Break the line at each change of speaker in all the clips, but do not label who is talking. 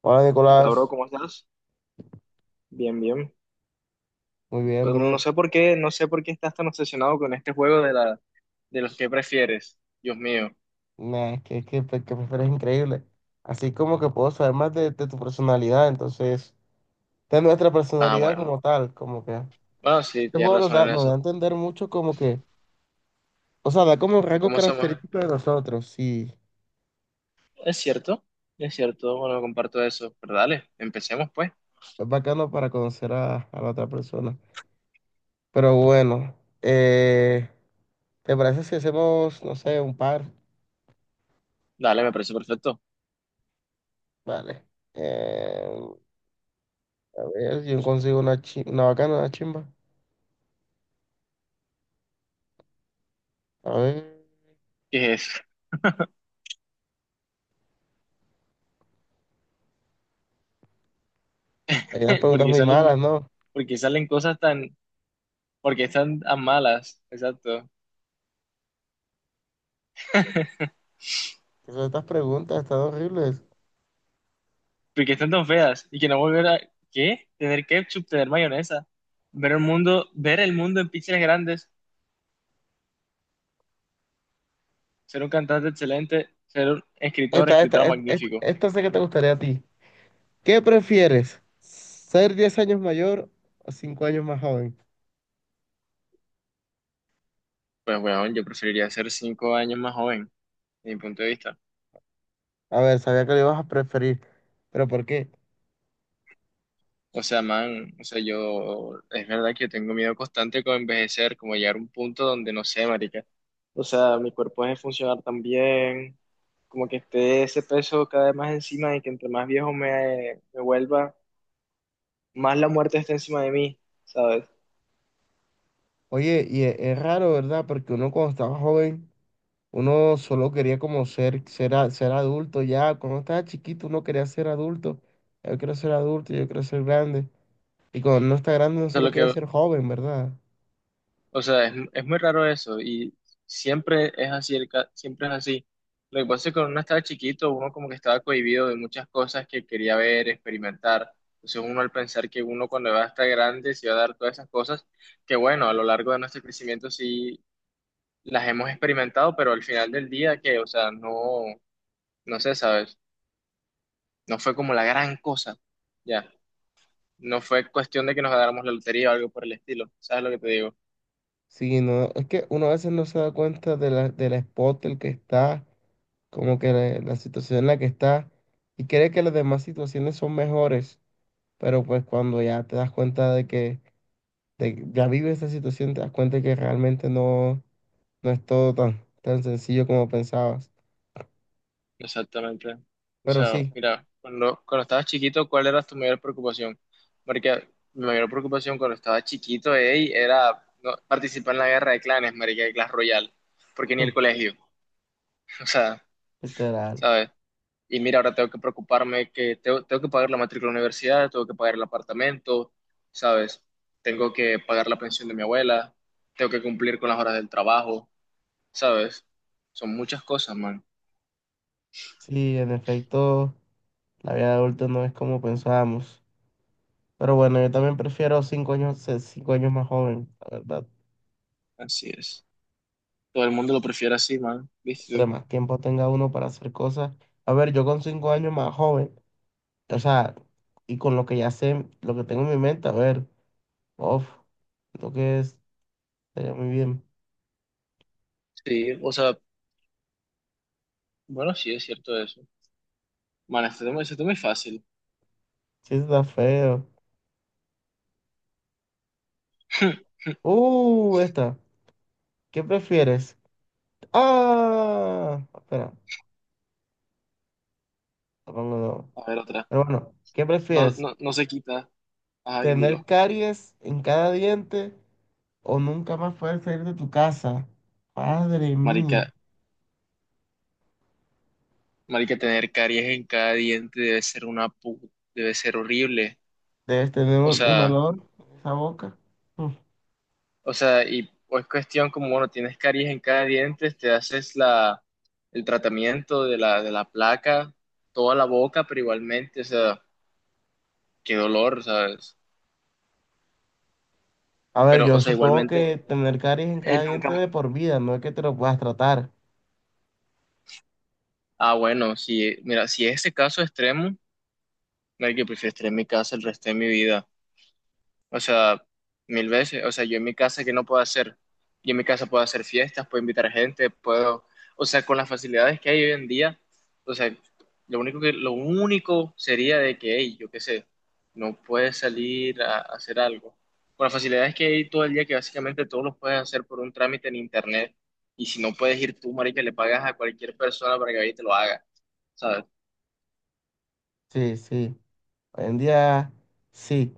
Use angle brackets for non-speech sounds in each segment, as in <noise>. Hola
Hola, bro,
Nicolás,
¿cómo estás? Bien, bien.
muy bien
Pues, No
bro.
sé por qué, no sé por qué estás tan obsesionado con este juego de los que prefieres. Dios mío.
Nah, es que, pues, eres increíble. Así como que puedo saber más de tu personalidad, entonces, de nuestra
Ah,
personalidad
bueno.
como tal, como que
Bueno, sí,
este
tienes
juego nos
razón
da,
en
nos da a
eso.
entender mucho como que, o sea, da como un
¿Y
rasgo
cómo hacemos?
característico de nosotros y
Es cierto, es cierto. Bueno, comparto eso. Pero dale, empecemos pues.
es bacano para conocer a la otra persona. Pero bueno, eh, ¿te parece si hacemos, no sé, un par?
Dale, me parece perfecto.
Vale. Eh, a ver, yo consigo una bacana, una chimba. A ver.
¿Qué es?
Hay unas
<laughs>
preguntas
Porque
muy malas,
salen,
¿no?
porque salen cosas tan, porque están tan malas, exacto.
¿Qué son estas preguntas? Están horribles.
Porque están tan feas y que no volver a, ¿qué? Tener ketchup, tener mayonesa, ver el mundo en píxeles grandes. Ser un cantante excelente, ser un escritor,
Esta, esta,
escritor
esta, esta,
magnífico.
esta sé que te gustaría a ti. ¿Qué prefieres? ¿Ser 10 años mayor o 5 años más joven?
Pues bueno, yo preferiría ser 5 años más joven, desde mi punto de vista.
A ver, sabía que lo ibas a preferir, pero ¿por qué?
O sea, man, yo, es verdad que yo tengo miedo constante con envejecer, como llegar a un punto donde no sé, marica. O sea, mi cuerpo deje de funcionar tan bien, como que esté ese peso cada vez más encima y que entre más viejo me vuelva, más la muerte está encima de mí, ¿sabes?
Oye, es raro, ¿verdad? Porque uno cuando estaba joven, uno solo quería como ser adulto ya. Cuando estaba chiquito, uno quería ser adulto. Yo quiero ser adulto, yo quiero ser grande. Y cuando uno está grande, uno
O sea,
solo
lo
quiere
que,
ser joven, ¿verdad?
O sea, es muy raro eso y siempre es así. Lo que pasa es que cuando uno estaba chiquito, uno como que estaba cohibido de muchas cosas que quería ver, experimentar. Entonces uno al pensar que uno cuando va a estar grande se va a dar todas esas cosas, que bueno, a lo largo de nuestro crecimiento sí las hemos experimentado, pero al final del día que, o sea, no, no sé, ¿sabes? No fue como la gran cosa, ya. No fue cuestión de que nos ganáramos la lotería o algo por el estilo, ¿sabes lo que te digo?
Sí, no, es que uno a veces no se da cuenta de la, del spot el que está, como que la situación en la que está, y cree que las demás situaciones son mejores, pero pues cuando ya te das cuenta de que ya vives esa situación, te das cuenta que realmente no es todo tan, tan sencillo como pensabas.
Exactamente. O
Pero
sea,
sí.
mira, cuando estabas chiquito, ¿cuál era tu mayor preocupación? Porque mi mayor preocupación cuando estaba chiquito, ey, era no, participar en la guerra de clanes, marica, de Clash Royale, porque ni
Hmm.
el colegio, <laughs> o sea,
Literal.
¿sabes? Y mira, ahora tengo que preocuparme que tengo que pagar la matrícula de la universidad, tengo que pagar el apartamento, ¿sabes? Tengo que pagar la pensión de mi abuela, tengo que cumplir con las horas del trabajo, ¿sabes? Son muchas cosas, man.
Sí, en efecto, la vida de adulto no es como pensábamos. Pero bueno, yo también prefiero 5 años, ser 5 años más joven, la verdad.
Así es. Todo el mundo lo prefiere así, man.
Entre
¿Viste?
más tiempo tenga uno para hacer cosas. A ver, yo con 5 años más joven, o sea, y con lo que ya sé, lo que tengo en mi mente, a ver, uff, lo que es, estaría muy bien.
Sí, o sea, bueno, sí es cierto eso. Bueno, este tema es fácil.
Sí, está feo.
<laughs>
Esta, ¿qué prefieres? Ah, espera, lo pongo de nuevo.
A ver, otra.
Pero bueno, ¿qué
No,
prefieres?
no, no se quita. Ah,
¿Tener
dilo.
caries en cada diente o nunca más poder salir de tu casa? Madre mía,
Marica, marica, tener caries en cada diente debe ser debe ser horrible.
debes tener
O
un
sea,
olor en esa boca.
o sea, y o es cuestión como, bueno, tienes caries en cada diente, te haces el tratamiento de la placa, toda la boca, pero igualmente, o sea, qué dolor, ¿sabes?
A ver,
Pero,
yo
o sea,
supongo
igualmente,
que tener caries en
él
cada diente de
nunca...
por vida, no es que te lo puedas tratar.
Ah, bueno, si, mira, si es ese caso extremo, que prefiero estar en mi casa el resto de mi vida. O sea, mil veces. O sea, yo en mi casa, ¿qué no puedo hacer? Yo en mi casa puedo hacer fiestas, puedo invitar gente, puedo... O sea, con las facilidades que hay hoy en día, o sea, lo único sería de que, hey, yo qué sé, no puedes salir a hacer algo. Con las facilidades que hay todo el día, que básicamente todos los puedes hacer por un trámite en internet. Y si no puedes ir tú, marica, le pagas a cualquier persona para que vaya y te lo haga. ¿Sabes?
Sí, sí. Hoy en día, sí.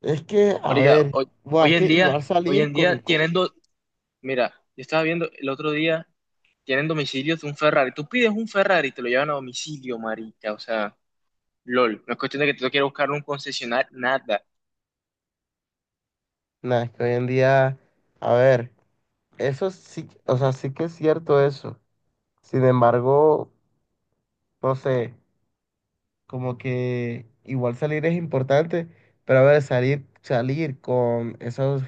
Es que, a
Marica,
ver,
hoy,
buah,
hoy
es que
en día...
igual
Hoy
salir
en
con,
día
con...
Mira, yo estaba viendo el otro día, tienen domicilios de un Ferrari. Tú pides un Ferrari y te lo llevan a domicilio, marica. O sea, lol. No es cuestión de que tú quieras buscar un concesionario, nada.
Nah, es que hoy en día, a ver, eso sí, o sea, sí que es cierto eso. Sin embargo, no sé, como que igual salir es importante, pero a ver, salir, salir con esos,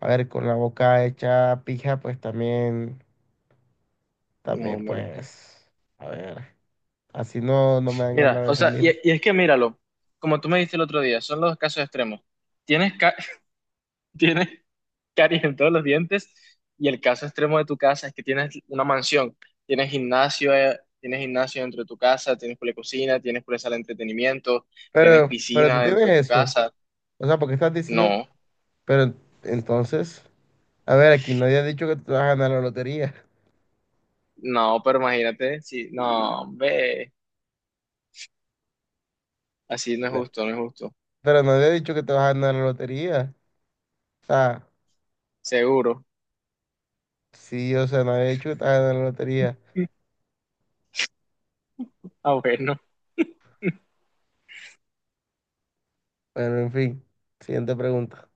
a ver, con la boca hecha pija, pues también,
No,
también,
marica.
pues, a ver. Así no, no me dan
Mira,
ganas de
o sea, y,
salir.
y es que míralo, como tú me dijiste el otro día, son los casos extremos. Tienes, ca- <laughs> Tienes caries en todos los dientes y el caso extremo de tu casa es que tienes una mansión, tienes gimnasio dentro de tu casa, tienes por cocina, tienes por sala de entretenimiento, tienes
Pero
piscina
tú
dentro
tienes
de tu
eso.
casa.
O sea, ¿por qué estás diciendo?
No.
Pero entonces, a ver, aquí nadie ha dicho que tú te vas a ganar la lotería.
No, pero imagínate, sí, no, ve, así no es
Na-
justo, no es justo.
Pero nadie ha dicho que te vas a ganar la lotería. O sea,
Seguro.
sí, o sea, nadie ha dicho que te vas a ganar la lotería.
<laughs> Ah, bueno.
Bueno, en fin. Siguiente pregunta.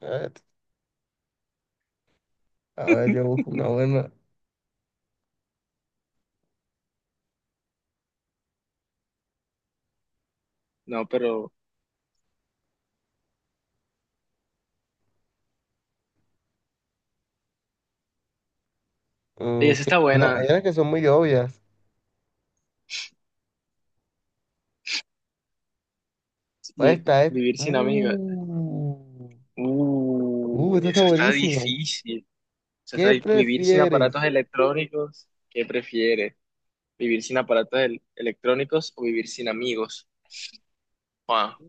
A ver, a ver, yo busco una buena.
No, pero ey,
Mm,
esa
que-
está
hay, hay
buena.
unas que son muy obvias. Pues
vi-
esta es.
Vivir sin amigos.
Esta está
Eso está
buenísima.
difícil.
¿Qué
Vivir sin aparatos
prefieres?
electrónicos. ¿Qué prefieres? ¿Vivir sin aparatos electrónicos o vivir sin amigos? Ah,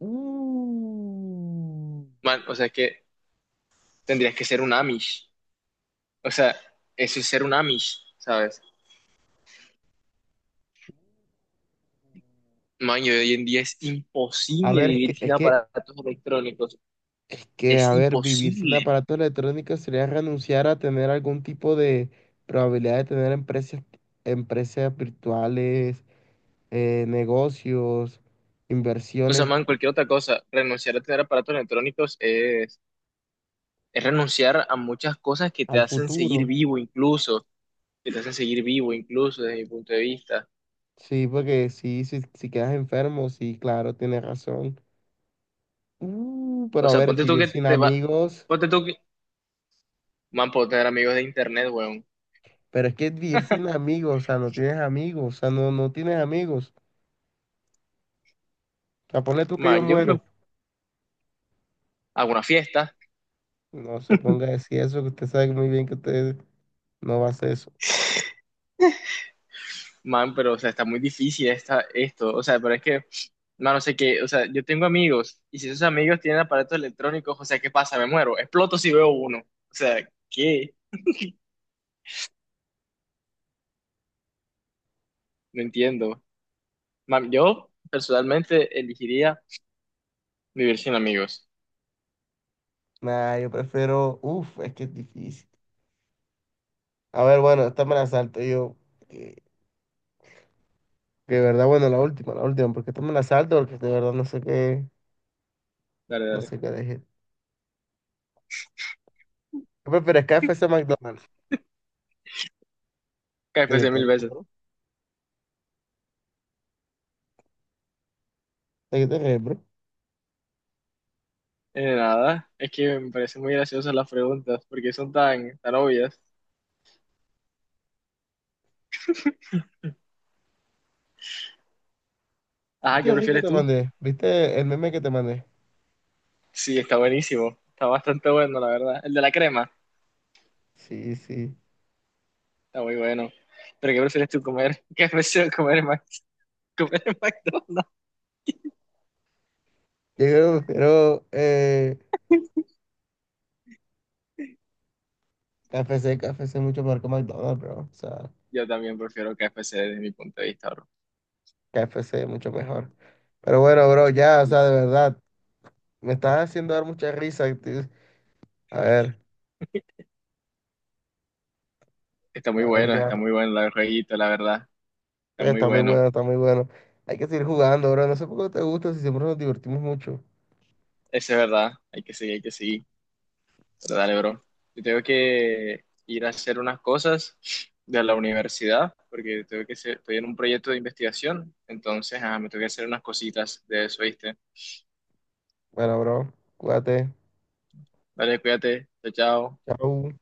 Mm.
man, o sea, es que tendrías que ser un Amish. O sea, eso es ser un Amish, ¿sabes? Maño, hoy en día es
A
imposible
ver, es que,
vivir sin
es que,
aparatos electrónicos.
es que,
Es
a ver, vivir sin
imposible.
aparatos electrónicos sería renunciar a tener algún tipo de probabilidad de tener empresas, empresas virtuales, negocios,
O sea,
inversiones
man, cualquier otra cosa, renunciar a tener aparatos electrónicos es renunciar a muchas cosas que te
al
hacen seguir
futuro.
vivo incluso, que te hacen seguir vivo incluso desde mi punto de vista.
Sí, porque sí, si quedas enfermo, sí, claro, tienes razón. Pero
O
a
sea,
ver, vivir sin amigos,
ponte tú que, man, puedo tener amigos de internet, weón.
pero es que vivir sin amigos, o sea, no tienes amigos, o sea, no, no tienes amigos. O sea, ponle tú que yo
Man, yo
muero.
me hago una fiesta,
No se ponga a
<laughs>
decir eso, que usted sabe muy bien que usted no va a hacer eso.
man, pero, o sea, está muy difícil esta, esto. O sea, pero es que mano, sé que, o sea, yo tengo amigos y si esos amigos tienen aparatos electrónicos, o sea, ¿qué pasa? Me muero, exploto si veo uno. O sea, ¿qué? No entiendo. Man, yo personalmente elegiría vivir sin amigos.
Nah, yo prefiero. Uf, es que es difícil. A ver, bueno, esta me la salto yo. Que, que de verdad, bueno, la última, porque esta me la salto, porque de verdad no sé qué,
Dale,
no
dale.
sé qué dejé. ¿Qué prefieres, KFC o McDonald's? ¿De qué
KFC
te
mil
ríes,
veces.
bro? ¿De qué te ríes, bro?
Nada, es que me parecen muy graciosas las preguntas porque son tan, tan obvias. Ajá,
¿Viste
¿qué
el reel que
prefieres
te
tú?
mandé? ¿Viste el meme que te mandé?
Sí, está buenísimo. Está bastante bueno, la verdad. El de la crema,
Sí, sí.
está muy bueno. Pero ¿qué prefieres tú comer? <laughs> qué prefieres comer, en comer en McDonald's?
Yo creo que prefiero KFC, KFC mucho mejor que McDonald's, bro. O sea.
Yo también prefiero KFC desde mi punto de vista, bro.
KFC, mucho mejor. Pero bueno, bro, ya, o sea, de verdad, me estás haciendo dar mucha risa. A ver, a ver, ya.
Está muy bueno el jueguito, la verdad. Está muy
Está muy
bueno.
bueno, está muy bueno. Hay que seguir jugando, bro. No sé por qué no te gusta, si siempre nos divertimos mucho.
Eso es verdad. Hay que seguir, hay que seguir. Pero dale, bro. Yo tengo que ir a hacer unas cosas de la universidad, porque tengo que estoy en un proyecto de investigación. Entonces, ah, me tengo que hacer unas cositas de eso, ¿viste?
Bueno, bro, cuídate.
Dale, cuídate. Chao, chao.
Chao.